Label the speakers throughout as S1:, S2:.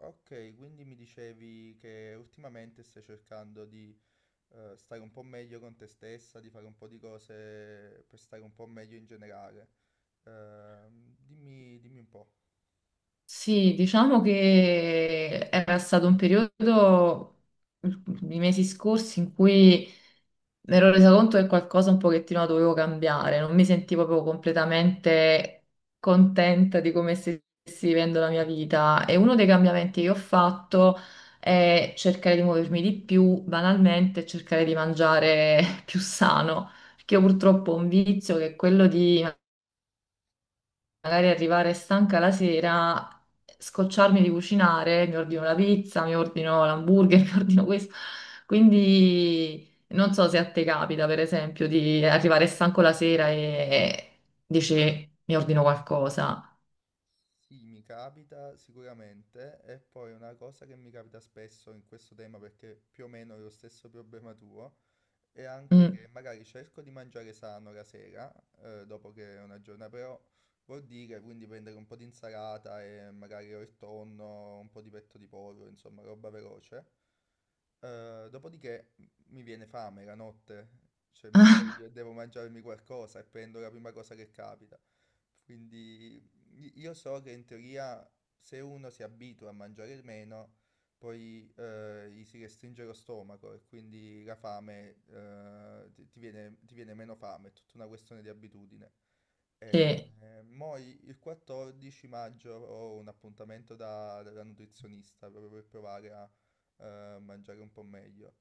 S1: Ok, quindi mi dicevi che ultimamente stai cercando di stare un po' meglio con te stessa, di fare un po' di cose per stare un po' meglio in generale. Dimmi, dimmi un po'.
S2: Sì, diciamo che era stato un periodo, i mesi scorsi, in cui mi ero resa conto che qualcosa un pochettino la dovevo cambiare, non mi sentivo proprio completamente contenta di come stessi vivendo la mia vita e uno dei cambiamenti che ho fatto è cercare di muovermi di più, banalmente, e cercare di mangiare più sano, perché io purtroppo ho un vizio che è quello di magari arrivare stanca la sera, scocciarmi di cucinare, mi ordino la pizza, mi ordino l'hamburger, mi ordino questo. Quindi non so se a te capita, per esempio, di arrivare stanco la sera e dici mi ordino qualcosa.
S1: Sì, mi capita sicuramente, e poi una cosa che mi capita spesso in questo tema, perché più o meno è lo stesso problema tuo, e anche
S2: Mm.
S1: che magari cerco di mangiare sano la sera, dopo che è una giornata, però vuol dire quindi prendere un po' di insalata e magari o il tonno, un po' di petto di pollo, insomma, roba veloce. Dopodiché mi viene fame la notte, cioè mi sveglio e devo mangiarmi qualcosa e prendo la prima cosa che capita. Quindi io so che in teoria se uno si abitua a mangiare meno, poi gli si restringe lo stomaco e quindi la fame, ti viene meno fame, è tutta una questione di abitudine. Eh,
S2: Sì.
S1: il 14 maggio ho un appuntamento dalla nutrizionista proprio per provare a mangiare un po' meglio.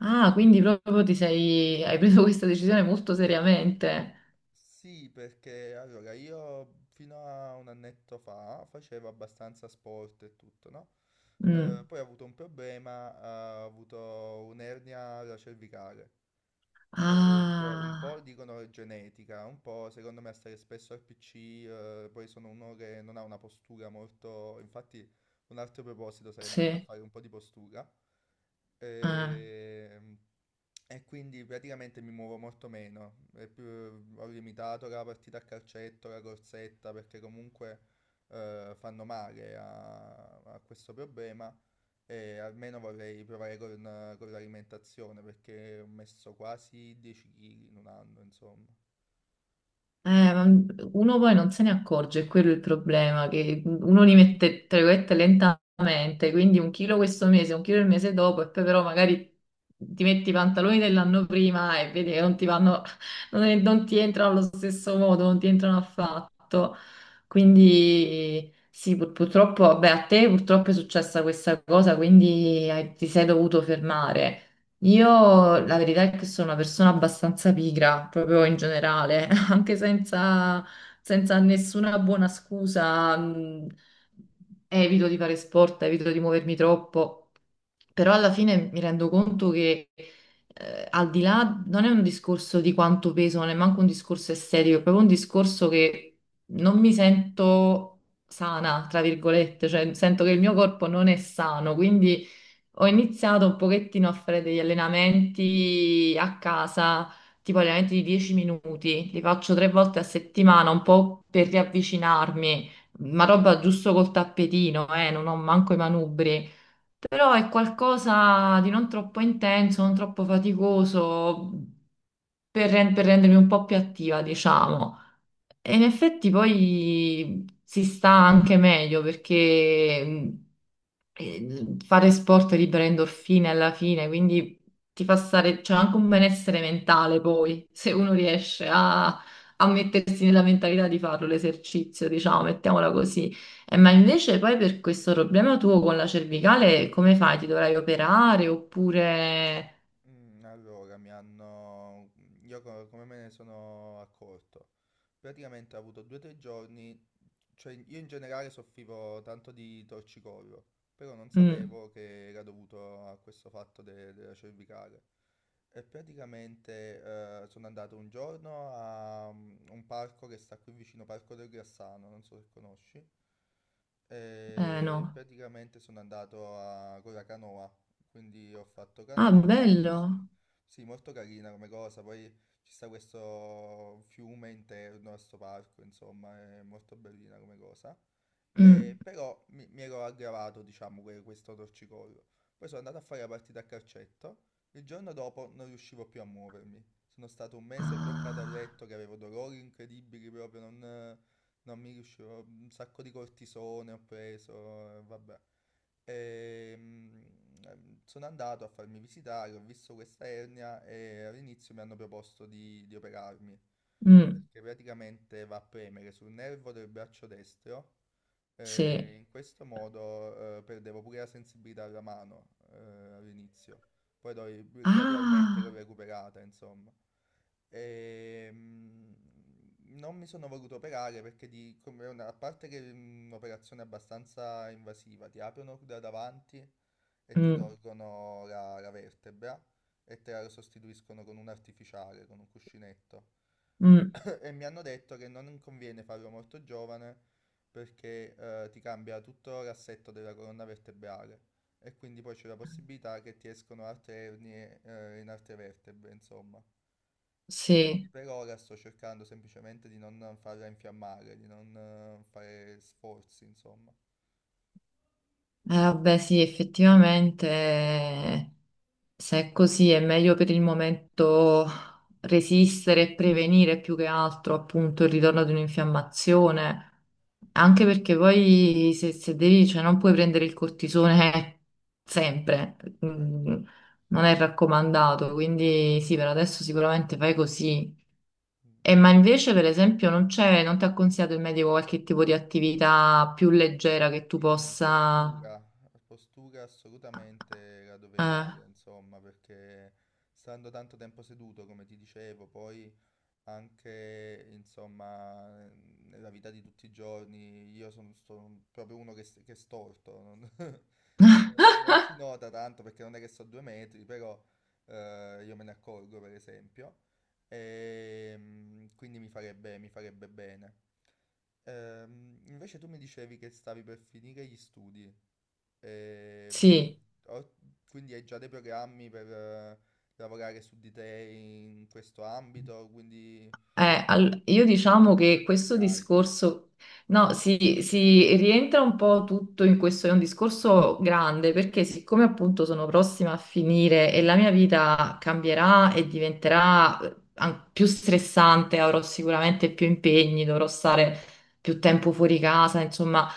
S2: Ah, quindi proprio hai preso questa decisione molto seriamente.
S1: Sì, perché allora io fino a un annetto fa facevo abbastanza sport e tutto, no?
S2: Mm.
S1: Poi ho avuto un problema, ho avuto un'ernia alla cervicale. Cioè, un po'
S2: Ah,
S1: dicono è genetica, un po' secondo me stare spesso al PC, poi sono uno che non ha una postura molto... Infatti un altro proposito sarebbe andare a
S2: sì.
S1: fare un po' di postura.
S2: Eh.
S1: E, e quindi praticamente mi muovo molto meno. Ho limitato la partita a calcetto, la corsetta, perché comunque fanno male a questo problema. E almeno vorrei provare con l'alimentazione perché ho messo quasi 10 kg in un anno, insomma.
S2: Ma uno poi non se ne accorge, è quello il problema, che uno li mette, tra virgolette, lentamente, quindi un chilo questo mese, un chilo il mese dopo, e poi però magari ti metti i pantaloni dell'anno prima e vedi che non ti vanno, non, non ti entrano allo stesso modo, non ti entrano affatto. Quindi sì, purtroppo, vabbè, a te purtroppo è successa questa cosa, quindi ti sei dovuto fermare. Io la verità è che sono una persona abbastanza pigra, proprio in generale, anche senza, senza nessuna buona scusa, evito di fare sport, evito di muovermi troppo, però alla fine mi rendo conto che al di là non è un discorso di quanto peso, non è manco un discorso estetico, è proprio un discorso che non mi sento sana, tra virgolette, cioè sento che il mio corpo non è sano, quindi ho iniziato un pochettino a fare degli allenamenti a casa, tipo allenamenti di 10 minuti, li faccio tre volte a settimana, un po' per riavvicinarmi, ma roba giusto col tappetino, non ho manco i manubri, però è qualcosa di non troppo intenso, non troppo faticoso, per rendermi un po' più attiva, diciamo. E in effetti poi si sta anche meglio perché fare sport libera endorfine alla fine, quindi ti fa stare, c'è anche un benessere mentale poi, se uno riesce a, a mettersi nella mentalità di farlo l'esercizio, diciamo, mettiamola così. Ma invece poi per questo problema tuo con la cervicale, come fai? Ti dovrai operare oppure.
S1: Allora, mi hanno... Io come me ne sono accorto? Praticamente ho avuto due o tre giorni. Cioè, io in generale soffrivo tanto di torcicollo, però non Mm.
S2: Mm,
S1: sapevo che era dovuto a questo della cervicale. E praticamente sono andato un giorno a un parco che sta qui vicino, Parco del Grassano, non so se conosci. E Mm,
S2: no.
S1: praticamente sono andato con la canoa, quindi ho fatto Ah,
S2: Ah,
S1: canoa,
S2: bello.
S1: così. Bello. Sì, molto carina come cosa, poi ci sta questo fiume interno a questo parco, insomma, è molto bellina come cosa.
S2: Mm.
S1: Però mi ero aggravato, diciamo, questo torcicollo. Poi sono andato a fare la partita a calcetto. Il giorno dopo non riuscivo più a muovermi. Sono stato un mese bloccato a
S2: Ah,
S1: letto che avevo dolori incredibili proprio, non mi riuscivo. Un sacco di cortisone ho preso, vabbè. E, mm, Sono andato a farmi visitare, ho visto questa ernia e all'inizio mi hanno proposto di operarmi
S2: mm,
S1: perché praticamente va a premere sul nervo del braccio destro e
S2: sì.
S1: in questo modo perdevo pure la sensibilità alla mano, all'inizio, poi gradualmente l'ho
S2: Ah,
S1: recuperata, insomma. E, mm, Non mi sono voluto operare perché a parte che è un'operazione abbastanza invasiva, ti aprono da davanti e ti
S2: mm,
S1: tolgono la vertebra e te la sostituiscono con un artificiale, con un cuscinetto.
S2: mm,
S1: E mi hanno detto che non conviene farlo molto giovane perché ti cambia tutto l'assetto della colonna vertebrale e quindi poi c'è la possibilità che ti escono altre ernie in altre vertebre, insomma. E quindi
S2: sì.
S1: per ora sto cercando semplicemente di non farla infiammare, di non fare sforzi, insomma.
S2: Vabbè, sì, effettivamente, se è così è meglio per il momento resistere e prevenire più che altro appunto il ritorno di un'infiammazione, anche perché poi se, devi, cioè non puoi prendere il cortisone sempre,
S1: Certo.
S2: mm, non è raccomandato, quindi sì, per adesso sicuramente fai così.
S1: Mm.
S2: E ma invece, per esempio, non c'è, non ti ha consigliato il medico qualche tipo di attività più leggera che tu
S1: Sì,
S2: possa.
S1: postura, postura assolutamente la dovrei fare,
S2: Eh.
S1: insomma, perché stando tanto tempo seduto, come ti dicevo, poi anche insomma nella vita di tutti i giorni io sono proprio uno che, che è storto, non, cioè, non si nota tanto perché non è che sto due metri, però io me ne accorgo, per esempio. Quindi mi farebbe bene. Invece tu mi dicevi che stavi per finire gli studi. Ehm,
S2: Sì,
S1: ho- quindi hai già dei programmi per lavorare su di te in questo ambito, quindi
S2: io diciamo
S1: che
S2: che
S1: progetti
S2: questo
S1: hai?
S2: discorso, no, si rientra un po' tutto in questo, è un discorso grande perché siccome appunto sono prossima a finire e la mia vita cambierà e diventerà più stressante, avrò sicuramente più impegni, dovrò stare più tempo fuori casa, insomma.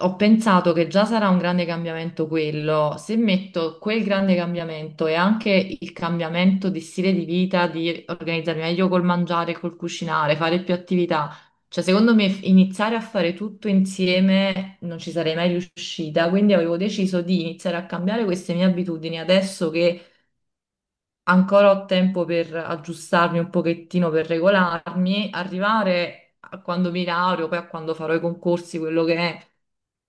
S2: Ho pensato che già sarà un grande cambiamento quello. Se metto quel grande cambiamento e anche il cambiamento di stile di vita, di organizzarmi meglio col mangiare, col cucinare, fare più attività, cioè secondo me iniziare a fare tutto insieme non ci sarei mai riuscita. Quindi avevo deciso di iniziare a cambiare queste mie abitudini adesso che ancora ho tempo per aggiustarmi un pochettino, per regolarmi, arrivare a quando mi laureo, poi a quando farò i concorsi, quello che è,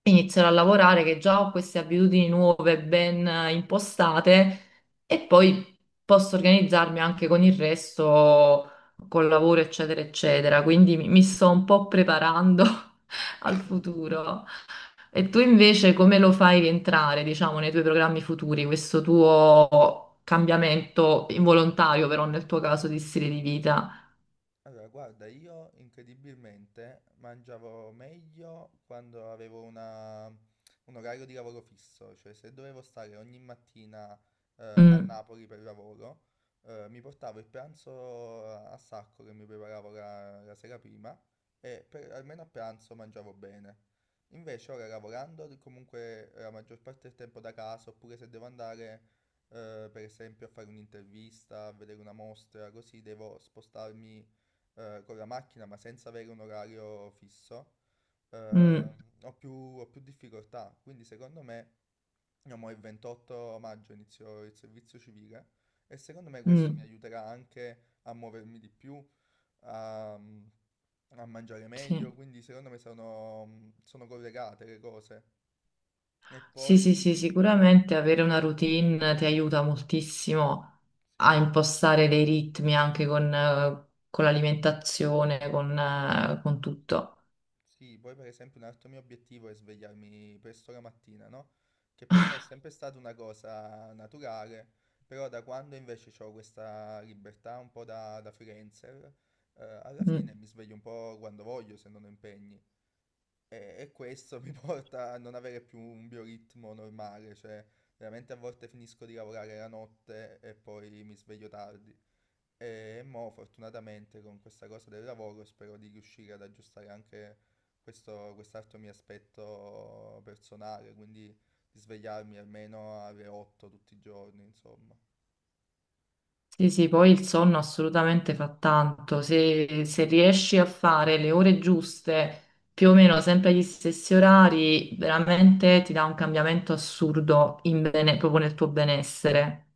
S2: inizierò a lavorare, che già ho queste abitudini nuove ben impostate e poi posso organizzarmi anche con il resto, col lavoro, eccetera, eccetera. Quindi mi sto un po' preparando al futuro.
S1: Mm.
S2: E tu invece come lo fai rientrare, diciamo, nei tuoi programmi futuri, questo tuo cambiamento involontario, però nel tuo caso di stile di vita?
S1: Allora, guarda, io incredibilmente mangiavo meglio quando avevo un orario di lavoro fisso, cioè se dovevo stare ogni mattina a
S2: Mm,
S1: Napoli per lavoro, mi portavo il pranzo a sacco che mi preparavo la sera prima e almeno a pranzo mangiavo bene. Invece ora lavorando comunque la maggior parte del tempo da casa, oppure se devo andare, per esempio, a fare un'intervista, a vedere una mostra, così, devo spostarmi con la macchina ma senza avere un orario fisso,
S2: mm,
S1: eh, ho più difficoltà. Quindi secondo me, io mo il 28 maggio inizio il servizio civile e secondo me questo mi
S2: mm,
S1: aiuterà anche a muovermi di più, a mangiare meglio,
S2: sì.
S1: quindi secondo me sono collegate le cose. E
S2: Sì,
S1: poi...
S2: sì, sì, sicuramente avere una routine ti aiuta moltissimo
S1: Sì,
S2: a impostare dei ritmi anche con l'alimentazione, con tutto.
S1: Sì, poi per esempio un altro mio obiettivo è svegliarmi presto la mattina, no? Che per me è sempre stata una cosa naturale, però da quando invece ho questa libertà un po' da freelancer, alla
S2: Mm.
S1: fine mi sveglio un po' quando voglio, se non ho impegni. E questo mi porta a non avere più un bioritmo normale, cioè veramente a volte finisco di lavorare la notte e poi mi sveglio tardi. E mo, fortunatamente, con questa cosa del lavoro spero di riuscire ad aggiustare anche questo, quest'altro mio aspetto personale, quindi di svegliarmi almeno alle 8 tutti i giorni, insomma.
S2: Sì, sì, poi il sonno assolutamente fa tanto. se, riesci a fare le ore giuste, più o meno sempre agli stessi orari, veramente ti dà un cambiamento assurdo in proprio nel tuo benessere.